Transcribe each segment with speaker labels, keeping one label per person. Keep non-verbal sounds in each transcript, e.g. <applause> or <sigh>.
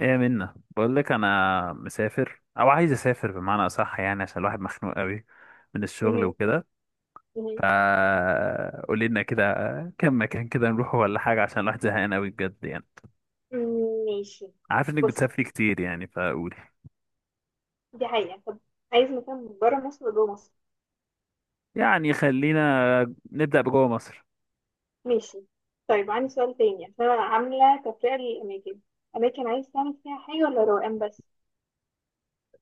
Speaker 1: ايه، منا بقول لك انا مسافر او عايز اسافر بمعنى اصح، يعني عشان الواحد مخنوق قوي من الشغل
Speaker 2: مهم.
Speaker 1: وكده.
Speaker 2: مهم.
Speaker 1: فا قولي لنا كده كم مكان كده نروحه ولا حاجه، عشان الواحد زهقان قوي بجد يعني.
Speaker 2: ماشي.
Speaker 1: عارف انك
Speaker 2: بص،
Speaker 1: بتسافري كتير، يعني فقولي.
Speaker 2: دي حقيقة. طب، عايز مكان برا مصر ولا جوه مصر؟
Speaker 1: يعني خلينا نبدا بجوه مصر.
Speaker 2: ماشي. طيب عندي سؤال تاني، عشان أنا عاملة تفرقة للأماكن. أماكن عايز تعمل فيها حاجة ولا روقان بس؟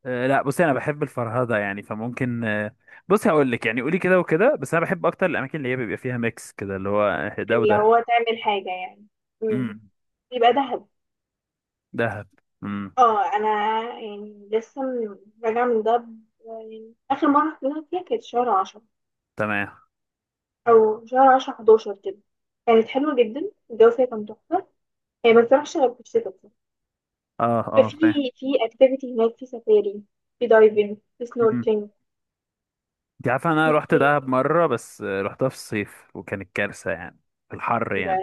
Speaker 1: أه لا، بصي انا بحب الفرهده، يعني فممكن بصي هقول لك، يعني قولي كده وكده، بس انا بحب اكتر الاماكن اللي هي بيبقى فيها ميكس كده، اللي هو ده
Speaker 2: اللي
Speaker 1: وده.
Speaker 2: هو تعمل حاجة يعني. مم.
Speaker 1: امم.
Speaker 2: يبقى دهب.
Speaker 1: دهب. امم.
Speaker 2: اه، أنا يعني لسه راجعة من دهب. يعني آخر مرة رحت دهب فيها كانت شهر 10،
Speaker 1: تمام.
Speaker 2: أو شهر عشرة حداشر كده. كانت حلوة جدا، الجو فيها كان تحفة. هي ما بتروحش غير في الشتاء.
Speaker 1: اه اه،
Speaker 2: في
Speaker 1: فاهم.
Speaker 2: في اكتيفيتي هناك، في سفاري، في دايفنج، في
Speaker 1: مم.
Speaker 2: سنوركلينج.
Speaker 1: انت عارفه انا رحت
Speaker 2: في
Speaker 1: دهب مره، بس رحتها في الصيف وكانت كارثه يعني. في الحر
Speaker 2: ده
Speaker 1: يعني.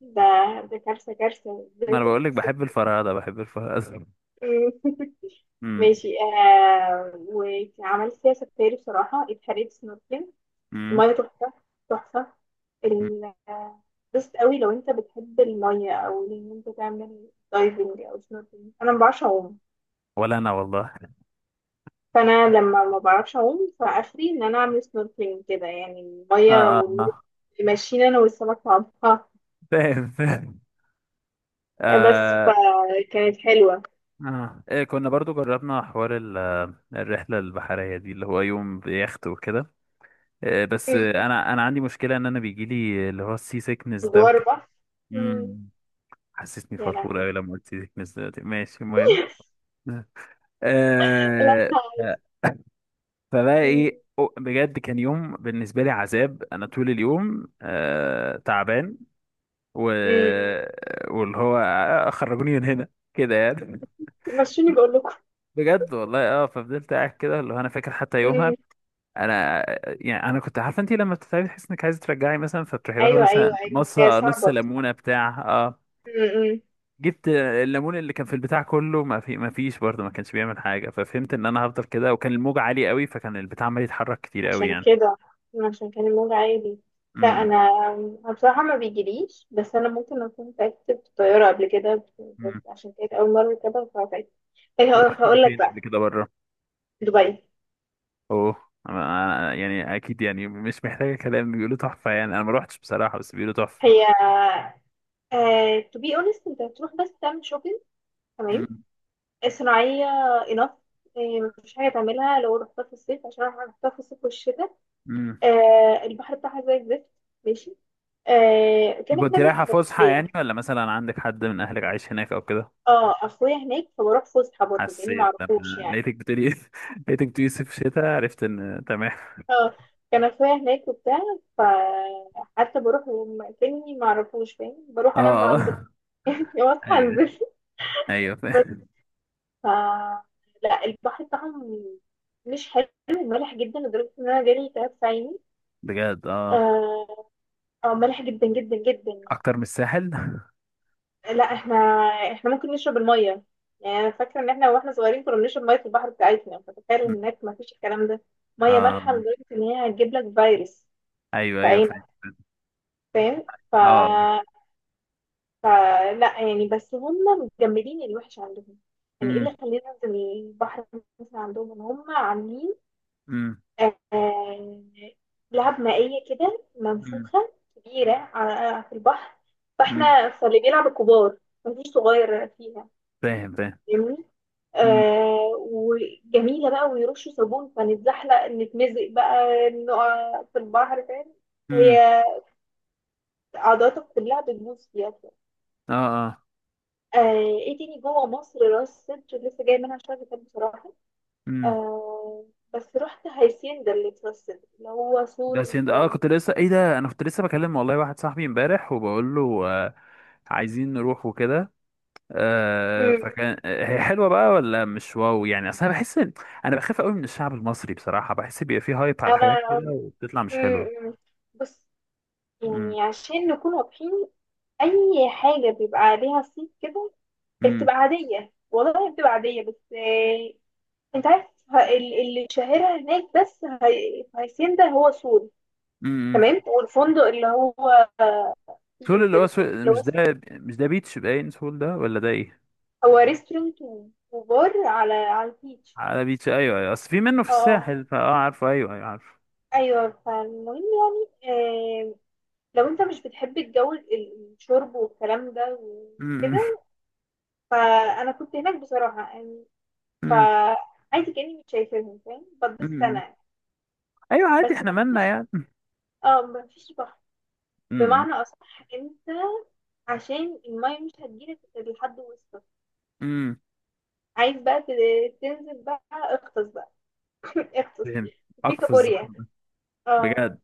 Speaker 2: ده ده كارثة، كارثة،
Speaker 1: ما
Speaker 2: ازاي
Speaker 1: انا
Speaker 2: تروح
Speaker 1: بقول لك بحب الفرهده، بحب الفرهده.
Speaker 2: <laughs>
Speaker 1: امم.
Speaker 2: ماشي. آه، وعملت فيها سفاري، بصراحة اتحرقت سنوركلينج.
Speaker 1: امم.
Speaker 2: المية تحفة، تحفة. ال- آه، بس قوي لو انت بتحب المية، او ان انت تعمل دايفنج او سنوركلينج. انا ما بعرفش اعوم.
Speaker 1: ولا انا والله.
Speaker 2: فانا لما ما بعرفش اعوم، فاخري ان انا اعمل سنوركلينج كده يعني،
Speaker 1: اه
Speaker 2: الميه
Speaker 1: اه
Speaker 2: والموج
Speaker 1: اه،
Speaker 2: ماشيين، انا والسمك مع بعضها.
Speaker 1: فاهم فاهم.
Speaker 2: بس
Speaker 1: آه.
Speaker 2: فكانت حلوه.
Speaker 1: آه. إيه، كنا برضو جربنا حوار الرحلة البحرية دي، اللي هو يوم بيخت وكده. بس
Speaker 2: مم.
Speaker 1: انا عندي مشكلة ان انا بيجيلي اللي هو السي سيكنس ده
Speaker 2: دوار
Speaker 1: وكده.
Speaker 2: بحر. مم.
Speaker 1: امم. حسسني
Speaker 2: يا
Speaker 1: فرفور
Speaker 2: لهوي!
Speaker 1: قوي لما قلت سي سيكنس دلوقتي، ماشي المهم.
Speaker 2: <laughs>
Speaker 1: آه.
Speaker 2: لا، عادي.
Speaker 1: آه. فبقى
Speaker 2: مم.
Speaker 1: ايه، بجد كان يوم بالنسبه لي عذاب، انا طول اليوم تعبان و...
Speaker 2: مم.
Speaker 1: واللي هو، خرجوني من هنا كده يعني.
Speaker 2: مشوني بقول لكم.
Speaker 1: بجد والله، ففضلت قاعد كده، اللي هو انا فاكر حتى يومها.
Speaker 2: مم.
Speaker 1: انا يعني انا كنت عارفه، انت لما بتتعبي تحس انك عايزه ترجعي مثلا، فبتروحي واخده
Speaker 2: ايوه، ايوه،
Speaker 1: مثلا
Speaker 2: ايوه،
Speaker 1: نص
Speaker 2: هي
Speaker 1: نص
Speaker 2: صعبه.
Speaker 1: ليمونه بتاع اه
Speaker 2: مم.
Speaker 1: جبت الليمون اللي كان في البتاع كله، ما فيش برضه، ما كانش بيعمل حاجه، ففهمت ان انا هفضل كده، وكان الموج عالي قوي، فكان البتاع عمال يتحرك كتير قوي
Speaker 2: عشان
Speaker 1: يعني.
Speaker 2: كده، عشان كان الموج عالي. لا.
Speaker 1: امم.
Speaker 2: أنا بصراحه ما بيجيليش. بس انا ممكن اكون تعبت في الطياره قبل كده. بس
Speaker 1: امم.
Speaker 2: عشان كانت اول مره كده، فتعبت. طيب هقول
Speaker 1: رحت
Speaker 2: هقول لك
Speaker 1: فين قبل
Speaker 2: بقى.
Speaker 1: كده بره؟
Speaker 2: دبي.
Speaker 1: اوه. يعني اكيد، يعني مش محتاجه كلام، بيقولوا تحفه يعني، انا ما روحتش بصراحه، بس بيقولوا تحفه.
Speaker 2: هي، تو بي اونست انت هتروح بس تعمل شوبينج، تمام.
Speaker 1: امم.
Speaker 2: صناعيه. انف. مفيش حاجه تعملها لو رحتها في الصيف، عشان انا رحتها في الصيف والشتاء.
Speaker 1: امم.
Speaker 2: آه، البحر بتاعها زي الزفت. ماشي. آه،
Speaker 1: دي
Speaker 2: كانك
Speaker 1: كنت
Speaker 2: نازل في
Speaker 1: رايحه فسحه
Speaker 2: المنوفيه.
Speaker 1: يعني، ولا مثلا عندك حد من اهلك عايش هناك او كده؟
Speaker 2: اه، اخويا هناك فبروح فسحه برضه يعني،
Speaker 1: حسيت
Speaker 2: معرفوش
Speaker 1: لما
Speaker 2: يعني.
Speaker 1: لقيتك بتقولي <laughs> لقيتك بتقولي صيف شتاء عرفت ان تمام.
Speaker 2: اه، كان اخويا هناك وبتاع. فحتى بروح كاني معرفوش فاهم، بروح
Speaker 1: اه.
Speaker 2: انام عنده.
Speaker 1: آه.
Speaker 2: <laughs> واصحى
Speaker 1: ايوه
Speaker 2: انزل.
Speaker 1: ايوه،
Speaker 2: بس.
Speaker 1: فاهم.
Speaker 2: ف لا، البحر بتاعهم مش حلو، مالح جدا لدرجه ان انا جالي تعب في عيني.
Speaker 1: بجد، اه.
Speaker 2: اه. آه، مالح جدا جدا جدا يعني.
Speaker 1: اكتر من الساحل؟
Speaker 2: لا، احنا ممكن نشرب الميه. يعني انا فاكره ان احنا واحنا صغيرين كنا بنشرب ميه في البحر بتاعتنا، فتخيل ان هناك ما فيش الكلام ده. ميه
Speaker 1: اه
Speaker 2: مالحه لدرجه ان هي هتجيب لك فيروس
Speaker 1: ايوه
Speaker 2: في
Speaker 1: ايوه،
Speaker 2: اي
Speaker 1: فاهم.
Speaker 2: مكان، فاهم. ف...
Speaker 1: اه.
Speaker 2: فلا يعني، بس هم مجمدين الوحش عندهم. يعني ايه اللي
Speaker 1: امم.
Speaker 2: خلينا ننزل البحر؟ مثلا عندهم ان هم عاملين
Speaker 1: امم.
Speaker 2: آه... لعب مائية كده
Speaker 1: امم.
Speaker 2: منفوخة كبيرة على في البحر.
Speaker 1: أمم.
Speaker 2: فاللي بيلعب الكبار، مفيش صغير فيها،
Speaker 1: فاهم فاهم.
Speaker 2: فاهمني.
Speaker 1: امم.
Speaker 2: آه، وجميلة بقى، ويرشوا صابون فنتزحلق نتمزق بقى، نقع في البحر، فاهم. هي،
Speaker 1: امم.
Speaker 2: عضلاتك كلها بتبوظ فيها.
Speaker 1: اه.
Speaker 2: آه. ايه تاني جوه مصر؟ راس سدر لسه جاي منها شويه كتاب بصراحه.
Speaker 1: امم.
Speaker 2: آه، بس رحت هيسيندا اللي في راس سدر، اللي هو سور
Speaker 1: ده سند،
Speaker 2: والكلام ده.
Speaker 1: كنت لسه، ايه ده، انا كنت لسه بكلم والله واحد صاحبي امبارح، وبقول له. عايزين نروح وكده.
Speaker 2: امم
Speaker 1: فكان هي حلوه بقى ولا مش واو، يعني اصل انا بحس انا بخاف قوي من الشعب المصري بصراحه، بحس بيبقى فيه هايب على حاجات
Speaker 2: انا
Speaker 1: كده وبتطلع مش
Speaker 2: أمم،
Speaker 1: حلوه.
Speaker 2: أمم. بص،
Speaker 1: امم.
Speaker 2: يعني عشان نكون واضحين، اي حاجه بيبقى عليها صيت كده
Speaker 1: امم.
Speaker 2: بتبقى عاديه. والله هي بتبقى عاديه، بس آه، انت عارف اللي شاهرها هناك. بس في هيسيندا هو سور،
Speaker 1: امم.
Speaker 2: تمام. والفندق اللي هو فيه
Speaker 1: سول، اللي هو
Speaker 2: وكده.
Speaker 1: سول،
Speaker 2: اللي هو
Speaker 1: مش ده، مش ده بيتش باين سول ده، ولا ده ايه؟
Speaker 2: هو ريستورانت وبار على البيتش.
Speaker 1: على بيتش، ايوه ايوه، اصل في منه في
Speaker 2: اه، آه.
Speaker 1: الساحل، فاه عارفه، ايوه ايوه عارفه.
Speaker 2: ايوه، فالمهم يعني، آه، لو انت مش بتحب الجو الشرب والكلام ده
Speaker 1: امم.
Speaker 2: وكده. فانا كنت هناك بصراحه يعني،
Speaker 1: امم.
Speaker 2: فعادي كاني مش شايفاهم، فاهم. بتبسط
Speaker 1: أمم.
Speaker 2: انا.
Speaker 1: ايوه عادي،
Speaker 2: بس
Speaker 1: احنا
Speaker 2: ما
Speaker 1: مالنا
Speaker 2: فيش
Speaker 1: يعني.
Speaker 2: اه ما فيش بحر بمعنى اصح. انت، عشان الميه مش هتجيلك غير لحد وسطك.
Speaker 1: امم.
Speaker 2: عايز بقى تنزل بقى، اغطس بقى. <laughs> اغطس
Speaker 1: فين؟
Speaker 2: في
Speaker 1: اقفز
Speaker 2: كابوريا.
Speaker 1: الزحمه ده؟
Speaker 2: اه،
Speaker 1: بجد.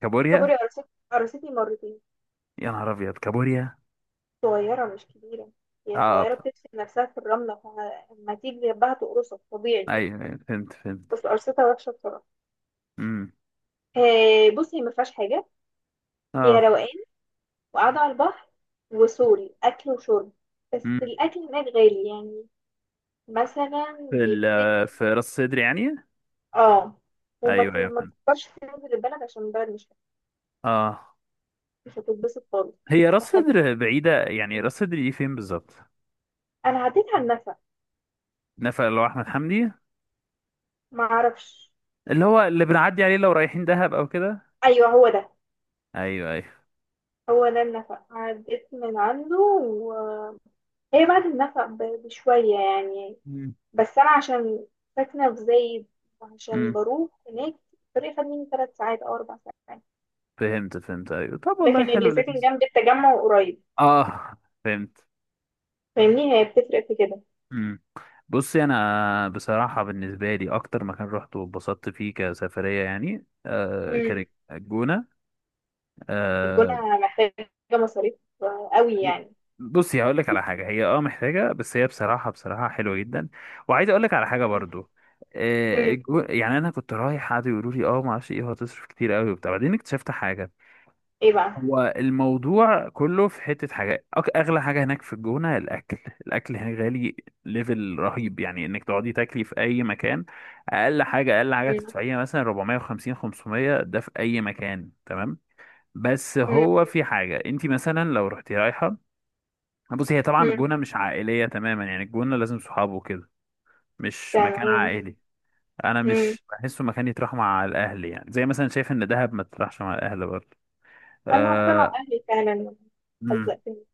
Speaker 1: كابوريا؟
Speaker 2: الكابوريا قرصتني مرتين.
Speaker 1: يا نهار ابيض، كابوريا.
Speaker 2: صغيرة مش كبيرة. هي
Speaker 1: اه،
Speaker 2: صغيرة بتدفن نفسها في الرملة، فلما تيجي جنبها تقرصك طبيعي.
Speaker 1: ايوه، أيوة، فهمت فهمت.
Speaker 2: بس قرصتها وحشة بصراحة.
Speaker 1: امم.
Speaker 2: آه، بصي هي ما فيهاش حاجة. هي
Speaker 1: اه.
Speaker 2: روقان وقاعدة على البحر، وسوري أكل وشرب. بس
Speaker 1: امم.
Speaker 2: الأكل هناك غالي يعني، مثلا بيبتدي.
Speaker 1: في راس صدر يعني.
Speaker 2: اه، وما
Speaker 1: ايوه
Speaker 2: ت-
Speaker 1: ايوه
Speaker 2: ما
Speaker 1: فهمت.
Speaker 2: تفكرش تنزل البلد، عشان البلد مش
Speaker 1: اه.
Speaker 2: مش هتتبسط خالص.
Speaker 1: هي راس
Speaker 2: فخليك.
Speaker 1: صدر بعيده يعني، راس صدر دي فين بالظبط؟
Speaker 2: أنا عديت على النفق.
Speaker 1: نفق اللي هو احمد حمدي؟
Speaker 2: ما أعرفش.
Speaker 1: اللي هو اللي بنعدي عليه لو رايحين دهب او كده.
Speaker 2: أيوه هو ده.
Speaker 1: ايوه ايوه.
Speaker 2: هو ده النفق، عديت من عنده، وهي بعد النفق بشوية يعني.
Speaker 1: امم.
Speaker 2: بس أنا عشان ساكنة في زايد، وعشان
Speaker 1: أمم.
Speaker 2: بروح هناك، الطريق خد مني 3 ساعات أو 4 ساعات.
Speaker 1: فهمت فهمت، ايوه، طب والله
Speaker 2: لكن
Speaker 1: حلو
Speaker 2: اللي ساكن
Speaker 1: لذيذ.
Speaker 2: جنب التجمع قريب،
Speaker 1: اه، فهمت.
Speaker 2: فاهمني، هي بتفرق في كده.
Speaker 1: مم. بصي، انا بصراحه بالنسبه لي اكتر مكان رحت واتبسطت فيه كسفريه يعني،
Speaker 2: مم.
Speaker 1: كانت الجونه. آه.
Speaker 2: الجونة محتاجة مصاريف قوي
Speaker 1: إيه،
Speaker 2: يعني.
Speaker 1: بصي هقول لك على حاجه، هي محتاجه، بس هي بصراحه بصراحه حلوه جدا. وعايز اقول لك على حاجه
Speaker 2: مم.
Speaker 1: برضو.
Speaker 2: مم.
Speaker 1: يعني انا كنت رايح، قعدوا يقولوا لي ما اعرفش ايه، وهتصرف كتير قوي وبتاع، بعدين اكتشفت حاجه.
Speaker 2: ايه بقى؟
Speaker 1: هو الموضوع كله في حتة حاجات، أغلى حاجة هناك في الجونة الأكل. الأكل هناك غالي. ليفل رهيب، يعني إنك تقعدي تاكلي في أي مكان. أقل حاجة أقل حاجة
Speaker 2: مم.
Speaker 1: تدفعيها مثلا 450 500، ده في أي مكان، تمام. بس
Speaker 2: مم.
Speaker 1: هو في حاجة، أنت مثلا لو رحتي رايحة. بصي، هي طبعا
Speaker 2: مم.
Speaker 1: الجونة مش عائلية تماما يعني، الجونة لازم صحابه وكده. مش مكان
Speaker 2: تمام.
Speaker 1: عائلي. أنا
Speaker 2: مم.
Speaker 1: مش بحسه مكان يتراح مع الأهل، يعني زي مثلا شايف إن دهب ما تتراحش مع الأهل برضه.
Speaker 2: أنا رحت مع
Speaker 1: أه.
Speaker 2: أهلي فعلا، حزقتني.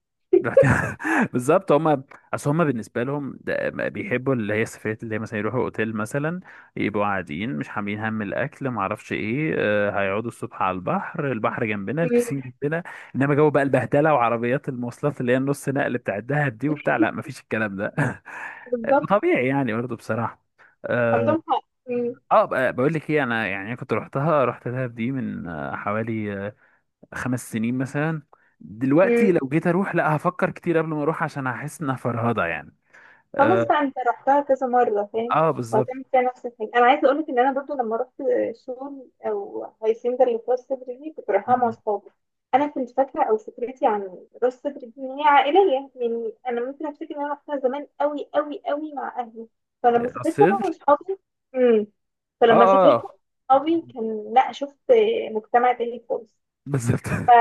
Speaker 1: رحت <laughs> بالظبط هما. اصل هما بالنسبه لهم ده، ما بيحبوا اللي هي السفريات، اللي هي مثلا يروحوا اوتيل مثلا، يبقوا قاعدين، مش حاملين هم الاكل، ما اعرفش ايه، هيقعدوا الصبح على البحر، البحر جنبنا
Speaker 2: مم.
Speaker 1: البسين جنبنا. انما جو بقى البهدله، وعربيات المواصلات اللي هي النص نقل بتاع الدهب دي وبتاع، لا ما فيش الكلام ده <laughs>
Speaker 2: بالظبط.
Speaker 1: طبيعي يعني برضه بصراحه. اه.
Speaker 2: عندهم حق. مم.
Speaker 1: بقول لك ايه، انا يعني كنت رحتها، رحت دهب دي من حوالي 5 سنين مثلا. دلوقتي
Speaker 2: مم.
Speaker 1: لو جيت اروح، لا هفكر كتير قبل ما اروح، عشان هحس انها فرهضه يعني.
Speaker 2: خلاص
Speaker 1: اه.
Speaker 2: بقى، انت رحتها كذا مرة، فاهم.
Speaker 1: آه، بالظبط.
Speaker 2: وهتعمل فيها نفس الحاجة. انا عايزة اقولك ان انا برضو لما رحت شغل او هيسنجر اللي في راس صدر دي، كنت رايحاها مع
Speaker 1: م.
Speaker 2: صحابي. انا كنت فاكرة او فكرتي عن راس صدر دي ان هي عائلية. يعني انا ممكن افتكر ان انا رحتها زمان قوي قوي قوي مع اهلي. فلما سافرت انا
Speaker 1: الصدر.
Speaker 2: وصحابي. امم.
Speaker 1: اه
Speaker 2: فلما سافرت
Speaker 1: اه
Speaker 2: صحابي كان، لا، شفت مجتمع تاني خالص.
Speaker 1: بالظبط <laughs>
Speaker 2: ف-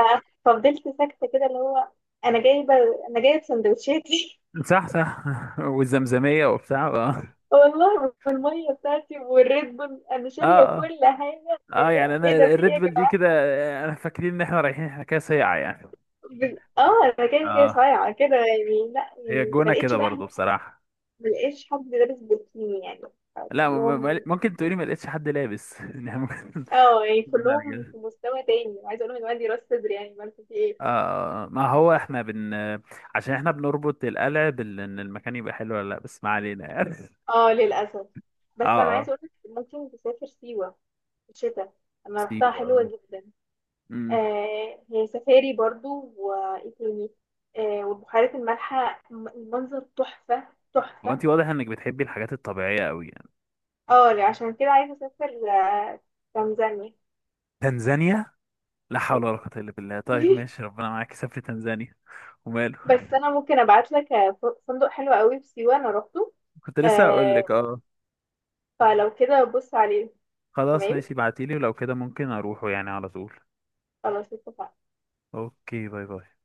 Speaker 2: ففضلت ساكتة كده اللي هو، انا جايبة انا جايبة سندوتشاتي.
Speaker 1: صح صح <laughs> والزمزميه وبتاع، اه اه.
Speaker 2: والله بالميه بتاعتي والريد بول، انا
Speaker 1: اه
Speaker 2: شاريه كل حاجه يا
Speaker 1: يعني
Speaker 2: جماعة.
Speaker 1: انا
Speaker 2: ايه ده؟ في ايه
Speaker 1: الريد
Speaker 2: يا
Speaker 1: بول دي
Speaker 2: جماعه؟
Speaker 1: كده، انا فاكرين ان احنا رايحين احنا كده سيعه يعني.
Speaker 2: انا كده كده
Speaker 1: اه.
Speaker 2: صايعه كده يعني. لا
Speaker 1: هي
Speaker 2: يعني، ما
Speaker 1: الجونه
Speaker 2: لقيتش
Speaker 1: كده
Speaker 2: بقى
Speaker 1: برضو
Speaker 2: هناك.
Speaker 1: بصراحه.
Speaker 2: ما لقيتش حد لابس بوتيني يعني.
Speaker 1: لا،
Speaker 2: كلهم
Speaker 1: ممكن تقولي ما لقيتش حد لابس <laughs> يعني ممكن.
Speaker 2: اه يعني
Speaker 1: جونه على
Speaker 2: كلهم
Speaker 1: كده.
Speaker 2: في مستوى تاني، عايزه اقول لهم ان عندي راس صدر، يعني ما في ايه.
Speaker 1: ما هو احنا. عشان احنا بنربط القلع بال، ان المكان يبقى حلو ولا لا، بس ما علينا يعني.
Speaker 2: اه للاسف.
Speaker 1: <laughs>
Speaker 2: بس انا
Speaker 1: اه اه.
Speaker 2: عايزه اقول لك، ممكن تسافر سيوه في الشتاء. انا رحتها،
Speaker 1: مصيبة،
Speaker 2: حلوه
Speaker 1: آه.
Speaker 2: جدا.
Speaker 1: امم.
Speaker 2: آه، هي سفاري برضو، وايه تاني. آه، والبحيرات المالحة، المنظر تحفة،
Speaker 1: هو
Speaker 2: تحفة.
Speaker 1: انت واضح انك بتحبي الحاجات الطبيعية قوي يعني؟
Speaker 2: اه لا، عشان كده عايزة اسافر آه، تنزانيا.
Speaker 1: تنزانيا. لا حول ولا قوة الا بالله، طيب
Speaker 2: <laughs>
Speaker 1: ماشي، ربنا معاك، سافري تنزانيا. وماله
Speaker 2: بس انا
Speaker 1: <laughs>
Speaker 2: ممكن ابعت لك فندق حلو قوي في سيوة، انا روحته.
Speaker 1: كنت لسه هقول
Speaker 2: آه،
Speaker 1: لك، اه.
Speaker 2: فلو كده بص عليه.
Speaker 1: خلاص
Speaker 2: تمام.
Speaker 1: ماشي، ابعتيلي، ولو كده ممكن اروحه يعني على طول.
Speaker 2: خلاص اتفقنا.
Speaker 1: اوكي، باي باي.